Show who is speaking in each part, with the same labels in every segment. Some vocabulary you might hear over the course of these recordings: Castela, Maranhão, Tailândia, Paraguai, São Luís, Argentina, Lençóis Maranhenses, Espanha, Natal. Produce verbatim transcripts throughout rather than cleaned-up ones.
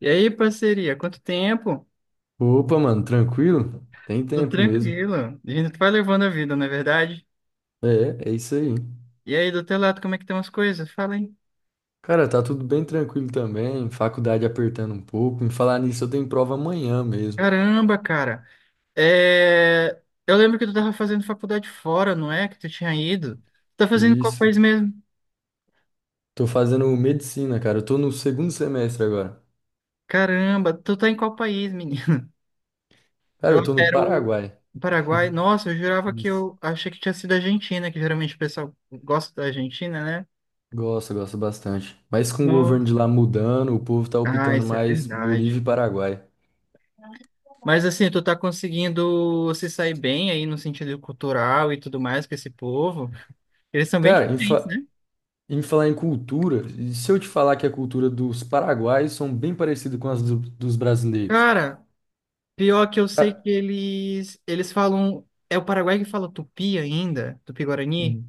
Speaker 1: E aí, parceria, quanto tempo?
Speaker 2: Opa, mano, tranquilo? Tem
Speaker 1: Tô
Speaker 2: tempo mesmo.
Speaker 1: tranquilo. A gente vai levando a vida, não é verdade?
Speaker 2: É, é isso aí.
Speaker 1: E aí, do teu lado, como é que estão as coisas? Fala aí.
Speaker 2: Cara, tá tudo bem tranquilo também, faculdade apertando um pouco. Em falar nisso, eu tenho prova amanhã mesmo.
Speaker 1: Caramba, cara. É... Eu lembro que tu tava fazendo faculdade fora, não é? Que tu tinha ido. Tu tá fazendo em qual
Speaker 2: Isso.
Speaker 1: país mesmo?
Speaker 2: Tô fazendo medicina, cara. Eu tô no segundo semestre agora.
Speaker 1: Caramba, tu tá em qual país, menino?
Speaker 2: Cara,
Speaker 1: Eu
Speaker 2: eu tô no
Speaker 1: era o
Speaker 2: Paraguai.
Speaker 1: Paraguai. Nossa, eu jurava que
Speaker 2: Isso.
Speaker 1: eu achei que tinha sido a Argentina, que geralmente o pessoal gosta da Argentina, né?
Speaker 2: Gosto, gosto bastante. Mas com o governo de
Speaker 1: Nossa.
Speaker 2: lá mudando, o povo tá
Speaker 1: Ah,
Speaker 2: optando
Speaker 1: isso é
Speaker 2: mais Bolívia e
Speaker 1: verdade.
Speaker 2: Paraguai.
Speaker 1: Mas assim, tu tá conseguindo se sair bem aí no sentido cultural e tudo mais com esse povo. Eles são bem
Speaker 2: Cara, em,
Speaker 1: diferentes, né?
Speaker 2: fa- em falar em cultura, e se eu te falar que a cultura dos paraguaios são bem parecida com as do- dos brasileiros?
Speaker 1: Cara, pior que eu sei que eles eles falam, é o Paraguai que fala tupi ainda, tupi-guarani?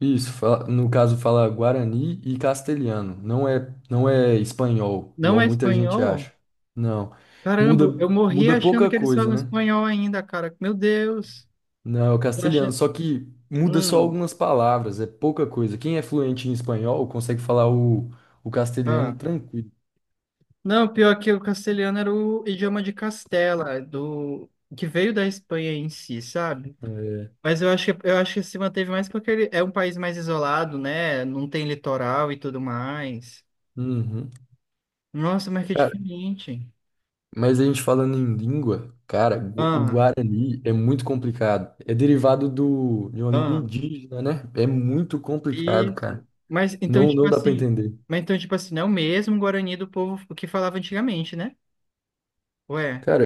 Speaker 2: Isso, fa- no caso fala guarani e castelhano. Não é, não é espanhol,
Speaker 1: Não
Speaker 2: igual
Speaker 1: é
Speaker 2: muita gente
Speaker 1: espanhol?
Speaker 2: acha. Não. Muda,
Speaker 1: Caramba, eu morri
Speaker 2: muda
Speaker 1: achando
Speaker 2: pouca
Speaker 1: que eles
Speaker 2: coisa,
Speaker 1: falam
Speaker 2: né?
Speaker 1: espanhol ainda, cara. Meu Deus.
Speaker 2: Não, é o
Speaker 1: Eu achei...
Speaker 2: castelhano, só que muda só
Speaker 1: Hum,
Speaker 2: algumas palavras, é pouca coisa. Quem é fluente em espanhol consegue falar o, o
Speaker 1: ah.
Speaker 2: castelhano tranquilo.
Speaker 1: Não, pior que o castelhano era o idioma de Castela, do que veio da Espanha em si, sabe?
Speaker 2: É.
Speaker 1: Mas eu acho que, eu acho que se manteve mais porque ele é um país mais isolado, né? Não tem litoral e tudo mais.
Speaker 2: Uhum.
Speaker 1: Nossa, mas que
Speaker 2: Cara,
Speaker 1: diferente.
Speaker 2: mas a gente falando em língua, cara, gu- o
Speaker 1: Ah,
Speaker 2: Guarani é muito complicado. É derivado do, de uma língua
Speaker 1: ah,
Speaker 2: indígena, né? É muito complicado, cara.
Speaker 1: isso. Mas então,
Speaker 2: Não,
Speaker 1: tipo
Speaker 2: não dá pra
Speaker 1: assim.
Speaker 2: entender.
Speaker 1: Mas então, tipo assim, não é o mesmo Guarani do povo que falava antigamente, né? Ué.
Speaker 2: Cara,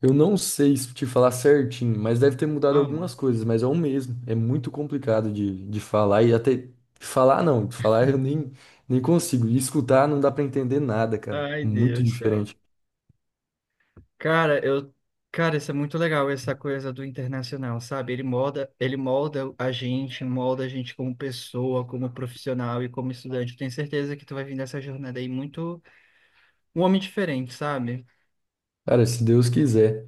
Speaker 2: eu não sei se te falar certinho, mas deve ter mudado
Speaker 1: Ah,
Speaker 2: algumas coisas, mas é o mesmo. É muito complicado de, de falar e até falar não, falar eu nem, nem consigo. E escutar não dá pra entender nada, cara.
Speaker 1: ai,
Speaker 2: Muito
Speaker 1: Deus do céu.
Speaker 2: diferente.
Speaker 1: Cara, eu, cara, isso é muito legal, essa coisa do internacional, sabe? Ele molda, ele molda a gente, molda a gente como pessoa, como profissional e como estudante. Eu tenho certeza que tu vai vir nessa jornada aí muito um homem diferente, sabe?
Speaker 2: Cara, se Deus quiser.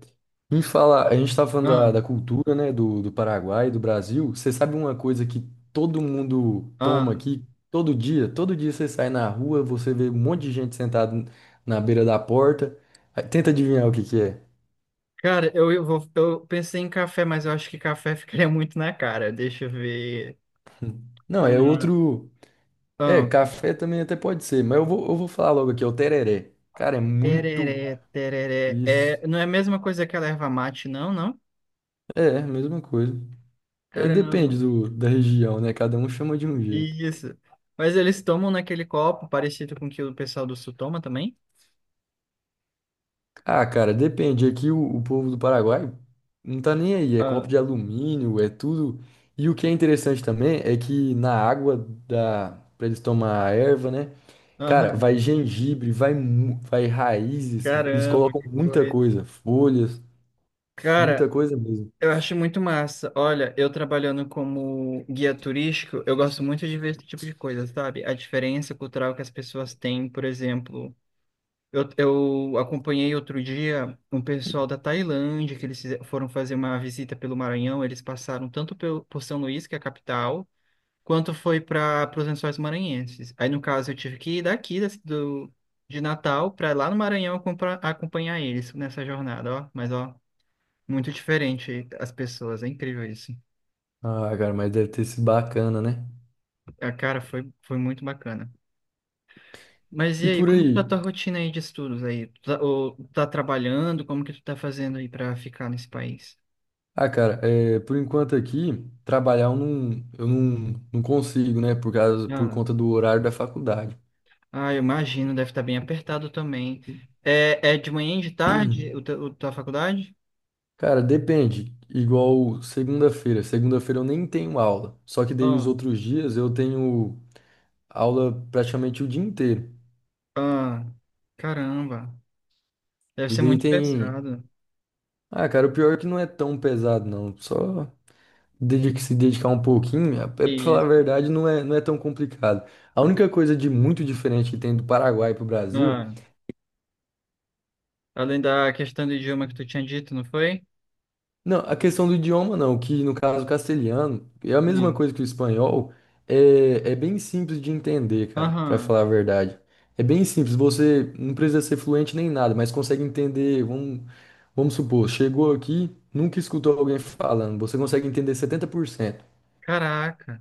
Speaker 2: Em falar, a gente tá falando
Speaker 1: Ah,
Speaker 2: da, da cultura, né, do, do Paraguai, do Brasil. Você sabe uma coisa que todo mundo toma
Speaker 1: ah.
Speaker 2: aqui todo dia? Todo dia você sai na rua, você vê um monte de gente sentada na beira da porta. Aí, tenta adivinhar o que que é.
Speaker 1: Cara, eu, eu vou, eu pensei em café, mas eu acho que café ficaria muito na cara. Deixa eu ver.
Speaker 2: Não, é
Speaker 1: Ah,
Speaker 2: outro. É,
Speaker 1: ah,
Speaker 2: café também até pode ser, mas eu vou, eu vou falar logo aqui, é o tereré. Cara, é muito
Speaker 1: tereré, tereré.
Speaker 2: isso.
Speaker 1: É, não é a mesma coisa que a erva mate, não, não?
Speaker 2: É, mesma coisa. É,
Speaker 1: Caramba.
Speaker 2: depende do, da região, né? Cada um chama de um jeito.
Speaker 1: Isso. Mas eles tomam naquele copo parecido com o que o pessoal do Sul toma também?
Speaker 2: Ah, cara, depende. Aqui o, o povo do Paraguai não tá nem aí. É copo
Speaker 1: Ah,
Speaker 2: de alumínio, é tudo. E o que é interessante também é que na água da para eles tomar a erva, né?
Speaker 1: aham.
Speaker 2: Cara, vai gengibre, vai mu- vai raízes. Eles
Speaker 1: Caramba,
Speaker 2: colocam
Speaker 1: que
Speaker 2: muita
Speaker 1: coisa.
Speaker 2: coisa, folhas,
Speaker 1: Cara,
Speaker 2: muita coisa mesmo.
Speaker 1: eu acho muito massa. Olha, eu trabalhando como guia turístico, eu gosto muito de ver esse tipo de coisa, sabe? A diferença cultural que as pessoas têm, por exemplo. Eu, eu acompanhei outro dia um pessoal da Tailândia, que eles fize- foram fazer uma visita pelo Maranhão. Eles passaram tanto pelo, por São Luís, que é a capital, quanto foi para os Lençóis Maranhenses. Aí, no caso, eu tive que ir daqui da- do, de Natal para lá no Maranhão compra- acompanhar eles nessa jornada, ó. Mas, ó, muito diferente as pessoas, é incrível isso.
Speaker 2: Ah, cara, mas deve ter sido bacana, né?
Speaker 1: A cara foi, foi muito bacana. Mas e
Speaker 2: E
Speaker 1: aí,
Speaker 2: por
Speaker 1: como que tá a
Speaker 2: aí?
Speaker 1: tua rotina aí de estudos aí? Tu tá, ou tá trabalhando? Como que tu tá fazendo aí para ficar nesse país?
Speaker 2: Ah, cara, é, por enquanto aqui trabalhar eu não, eu não, não consigo, né? Por causa por
Speaker 1: Ah,
Speaker 2: conta do horário da faculdade.
Speaker 1: ah, eu imagino, deve estar bem apertado também. É, é de manhã e de tarde o teu- o tua faculdade?
Speaker 2: Cara, depende. Igual segunda-feira. Segunda-feira eu nem tenho aula. Só que daí os
Speaker 1: Ah,
Speaker 2: outros dias eu tenho aula praticamente o dia inteiro.
Speaker 1: ah, caramba. Deve
Speaker 2: E
Speaker 1: ser
Speaker 2: daí
Speaker 1: muito
Speaker 2: tem.
Speaker 1: pesado.
Speaker 2: Ah, cara, o pior é que não é tão pesado, não. Só dedica se dedicar um pouquinho. É, é, pra falar a
Speaker 1: Isso.
Speaker 2: verdade, não é, não é tão complicado. A única coisa de muito diferente que tem do Paraguai pro Brasil.
Speaker 1: Ah, além da questão do idioma que tu tinha dito, não foi?
Speaker 2: Não, a questão do idioma não, que no caso o castelhano é a mesma
Speaker 1: Hum.
Speaker 2: coisa que o espanhol, é, é bem simples de entender, cara, pra
Speaker 1: Aham.
Speaker 2: falar a verdade. É bem simples, você não precisa ser fluente nem nada, mas consegue entender, vamos, vamos supor, chegou aqui, nunca escutou alguém falando, você consegue entender setenta por cento.
Speaker 1: Caraca.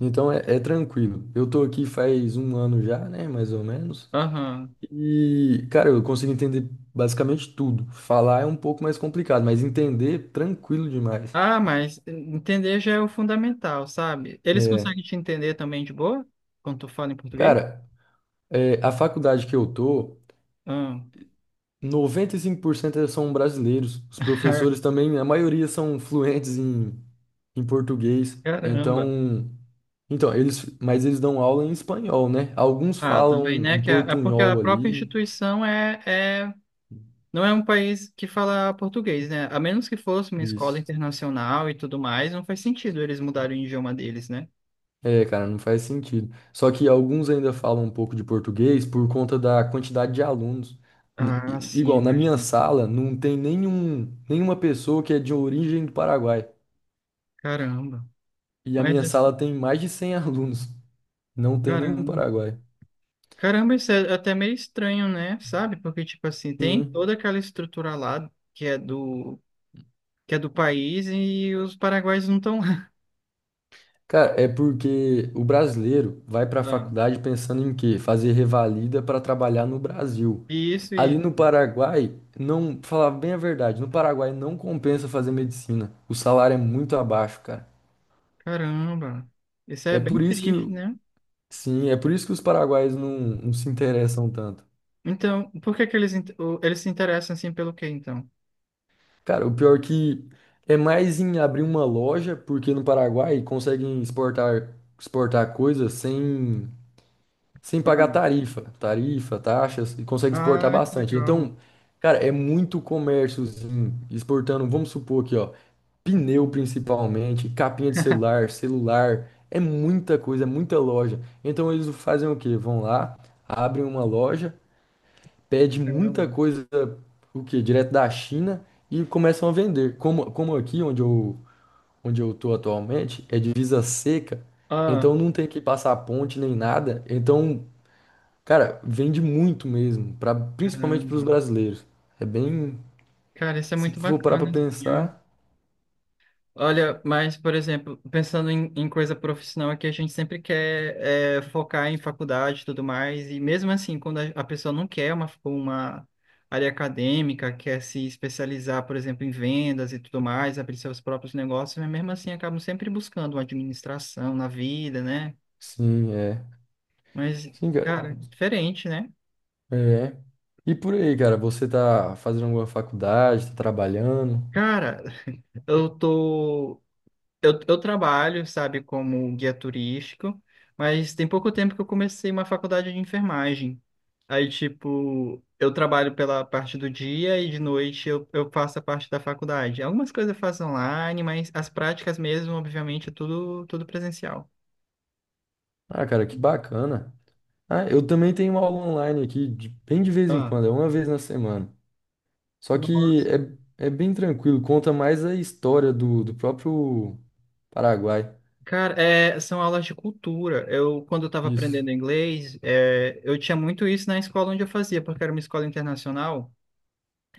Speaker 2: Então é, é tranquilo. Eu tô aqui faz um ano já, né, mais ou menos,
Speaker 1: Aham.
Speaker 2: e, cara, eu consigo entender basicamente tudo. Falar é um pouco mais complicado, mas entender, tranquilo demais.
Speaker 1: Ah, mas entender já é o fundamental, sabe? Eles conseguem
Speaker 2: É.
Speaker 1: te entender também de boa? Quando tu fala em português?
Speaker 2: Cara, é, a faculdade que eu tô,
Speaker 1: Ah.
Speaker 2: noventa e cinco por cento são brasileiros. Os professores também, a maioria são fluentes em, em português.
Speaker 1: Caramba.
Speaker 2: Então, então eles, mas eles dão aula em espanhol, né? Alguns
Speaker 1: Ah,
Speaker 2: falam
Speaker 1: também, né?
Speaker 2: um
Speaker 1: Que a, é porque a
Speaker 2: portunhol
Speaker 1: própria
Speaker 2: ali.
Speaker 1: instituição é, é, não é um país que fala português, né? A menos que fosse uma escola
Speaker 2: Isso.
Speaker 1: internacional e tudo mais, não faz sentido eles mudarem o idioma deles, né?
Speaker 2: É, cara, não faz sentido. Só que alguns ainda falam um pouco de português por conta da quantidade de alunos. N-
Speaker 1: Ah,
Speaker 2: i-
Speaker 1: sim,
Speaker 2: Igual, na minha
Speaker 1: imagino.
Speaker 2: sala não tem nenhum, nenhuma pessoa que é de origem do Paraguai.
Speaker 1: Caramba.
Speaker 2: E a
Speaker 1: Mas,
Speaker 2: minha
Speaker 1: assim,
Speaker 2: sala tem mais de cem alunos. Não tem nenhum
Speaker 1: caramba.
Speaker 2: paraguaio.
Speaker 1: Caramba, isso é até meio estranho, né? Sabe? Porque, tipo assim, tem
Speaker 2: Sim.
Speaker 1: toda aquela estrutura lá que é do, que é do país e os paraguaios não estão lá.
Speaker 2: Cara, é porque o brasileiro vai para a faculdade pensando em quê? Fazer revalida para trabalhar no Brasil.
Speaker 1: Isso
Speaker 2: Ali
Speaker 1: e...
Speaker 2: no Paraguai, não, pra falar bem a verdade, no Paraguai não compensa fazer medicina. O salário é muito abaixo, cara.
Speaker 1: Caramba. Isso é
Speaker 2: É
Speaker 1: bem
Speaker 2: por isso que,
Speaker 1: triste, né?
Speaker 2: sim, é por isso que os paraguaios não, não se interessam tanto.
Speaker 1: Então, por que que eles, in- o- eles se interessam, assim, pelo quê, então?
Speaker 2: Cara, o pior que é mais em abrir uma loja, porque no Paraguai conseguem exportar, exportar, coisas sem, sem pagar tarifa, tarifa, taxas, e conseguem exportar
Speaker 1: Ah, ah, que
Speaker 2: bastante.
Speaker 1: legal.
Speaker 2: Então, cara, é muito comérciozinho exportando, vamos supor aqui, ó, pneu principalmente, capinha de celular, celular, é muita coisa, é muita loja. Então eles fazem o quê? Vão lá, abrem uma loja pede muita
Speaker 1: Caramba.
Speaker 2: coisa, o quê? Direto da China e começam a vender. Como, como aqui onde eu, onde eu tô atualmente, é divisa seca,
Speaker 1: Ah,
Speaker 2: então não tem que passar ponte nem nada. Então, cara, vende muito mesmo, pra, principalmente para os
Speaker 1: caramba.
Speaker 2: brasileiros. É bem,
Speaker 1: Cara, isso é
Speaker 2: se
Speaker 1: muito
Speaker 2: for parar pra
Speaker 1: bacana, assim, ó.
Speaker 2: pensar,
Speaker 1: Olha, mas, por exemplo, pensando em, em coisa profissional aqui, a gente sempre quer é, focar em faculdade e tudo mais, e mesmo assim, quando a, a pessoa não quer uma, uma área acadêmica, quer se especializar, por exemplo, em vendas e tudo mais, abrir seus próprios negócios, mas mesmo assim acabam sempre buscando uma administração na vida, né?
Speaker 2: sim, é.
Speaker 1: Mas,
Speaker 2: Sim, cara.
Speaker 1: cara, diferente, né?
Speaker 2: É. E por aí, cara, você tá fazendo alguma faculdade, tá trabalhando?
Speaker 1: Cara, eu tô. Eu, eu trabalho, sabe, como guia turístico, mas tem pouco tempo que eu comecei uma faculdade de enfermagem. Aí, tipo, eu trabalho pela parte do dia e de noite eu, eu faço a parte da faculdade. Algumas coisas eu faço online, mas as práticas mesmo, obviamente, é tudo, tudo presencial.
Speaker 2: Ah, cara, que bacana. Ah, eu também tenho uma aula online aqui, de- bem de vez em
Speaker 1: Ah,
Speaker 2: quando, é uma vez na semana. Só que
Speaker 1: nossa.
Speaker 2: é, é bem tranquilo, conta mais a história do, do próprio Paraguai.
Speaker 1: Cara, é, são aulas de cultura. Eu, quando eu estava
Speaker 2: Isso,
Speaker 1: aprendendo inglês, é, eu tinha muito isso na escola onde eu fazia, porque era uma escola internacional.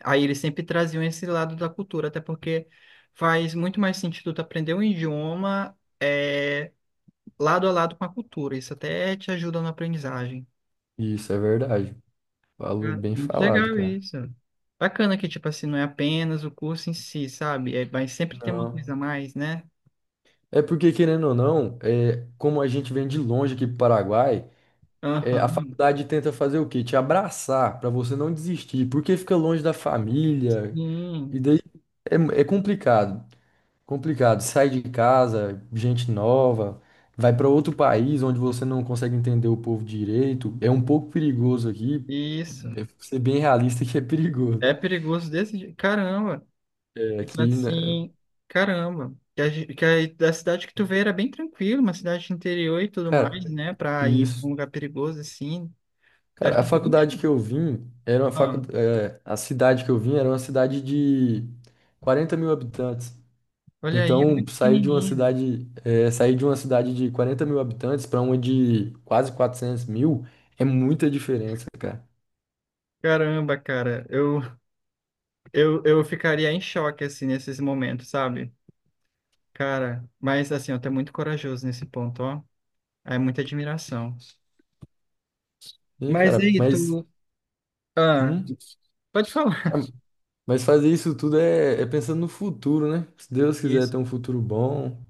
Speaker 1: Aí eles sempre traziam esse lado da cultura, até porque faz muito mais sentido tu aprender um idioma é, lado a lado com a cultura. Isso até te ajuda na aprendizagem.
Speaker 2: isso é verdade. Falou
Speaker 1: Ah,
Speaker 2: bem
Speaker 1: muito
Speaker 2: falado,
Speaker 1: legal
Speaker 2: cara.
Speaker 1: isso. Bacana que, tipo assim, não é apenas o curso em si, sabe? É, mas sempre tem uma coisa
Speaker 2: Não.
Speaker 1: a mais, né?
Speaker 2: É porque, querendo ou não, é, como a gente vem de longe aqui pro Paraguai, é, a
Speaker 1: Aham.
Speaker 2: faculdade tenta fazer o quê? Te abraçar, pra você não desistir, porque fica longe da família, e
Speaker 1: Sim,
Speaker 2: daí é, é complicado. Complicado. Sai de casa, gente nova, vai para outro país onde você não consegue entender o povo direito. É um pouco perigoso aqui.
Speaker 1: isso.
Speaker 2: É, ser bem realista que é perigoso.
Speaker 1: É perigoso desse jeito. Caramba.
Speaker 2: É,
Speaker 1: Tipo
Speaker 2: aqui, né?
Speaker 1: assim, caramba. Que a, ge- que a- da cidade que tu veio era bem tranquilo, uma cidade interior e tudo mais,
Speaker 2: Cara,
Speaker 1: né? Pra ir pra um
Speaker 2: isso.
Speaker 1: lugar perigoso assim. Deve
Speaker 2: Cara, a
Speaker 1: ter sido um
Speaker 2: faculdade que
Speaker 1: chão.
Speaker 2: eu vim era uma facu...
Speaker 1: Ah,
Speaker 2: é, a cidade que eu vim era uma cidade de quarenta mil habitantes.
Speaker 1: olha aí, é muito
Speaker 2: Então, sair de uma
Speaker 1: pequenininho.
Speaker 2: cidade, é, sair de uma cidade de quarenta mil habitantes para uma de quase quatrocentos mil é muita diferença, cara.
Speaker 1: Caramba, cara. Eu, eu, eu ficaria em choque, assim, nesses momentos, sabe? Cara, mas assim, eu tu é muito corajoso nesse ponto, ó. É muita admiração.
Speaker 2: Sim,
Speaker 1: Mas
Speaker 2: cara,
Speaker 1: aí,
Speaker 2: mas,
Speaker 1: tu. Ah,
Speaker 2: hum,
Speaker 1: pode falar.
Speaker 2: ah, mas fazer isso tudo é, é pensando no futuro, né? Se Deus quiser
Speaker 1: Isso.
Speaker 2: ter um futuro bom,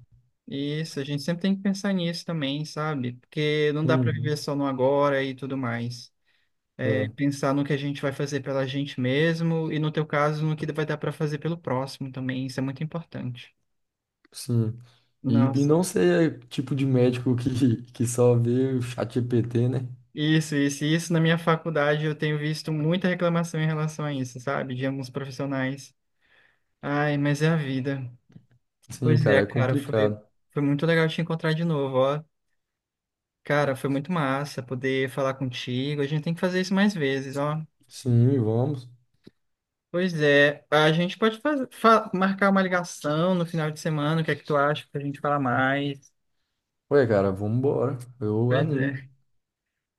Speaker 1: Isso, a gente sempre tem que pensar nisso também, sabe? Porque não dá para
Speaker 2: hum,
Speaker 1: viver só no agora e tudo mais. É
Speaker 2: é,
Speaker 1: pensar no que a gente vai fazer pela gente mesmo e, no teu caso, no que vai dar para fazer pelo próximo também. Isso é muito importante.
Speaker 2: sim. E, e
Speaker 1: Nossa,
Speaker 2: não ser tipo de médico que, que só vê o chat G P T, né?
Speaker 1: isso, isso, isso. Na minha faculdade eu tenho visto muita reclamação em relação a isso, sabe? De alguns profissionais. Ai, mas é a vida.
Speaker 2: Sim,
Speaker 1: Pois é,
Speaker 2: cara, é
Speaker 1: cara, foi,
Speaker 2: complicado.
Speaker 1: foi muito legal te encontrar de novo, ó. Cara, foi muito massa poder falar contigo. A gente tem que fazer isso mais vezes, ó.
Speaker 2: Sim, vamos.
Speaker 1: Pois é, a gente pode faz- fa- marcar uma ligação no final de semana, o que é que tu acha pra gente falar mais?
Speaker 2: Ué, cara, vamos embora. Eu
Speaker 1: Pois
Speaker 2: animo.
Speaker 1: é.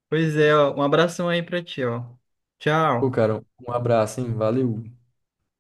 Speaker 1: Pois é, ó, um abração aí pra ti, ó.
Speaker 2: Pô,
Speaker 1: Tchau.
Speaker 2: cara, um abraço, hein? Valeu.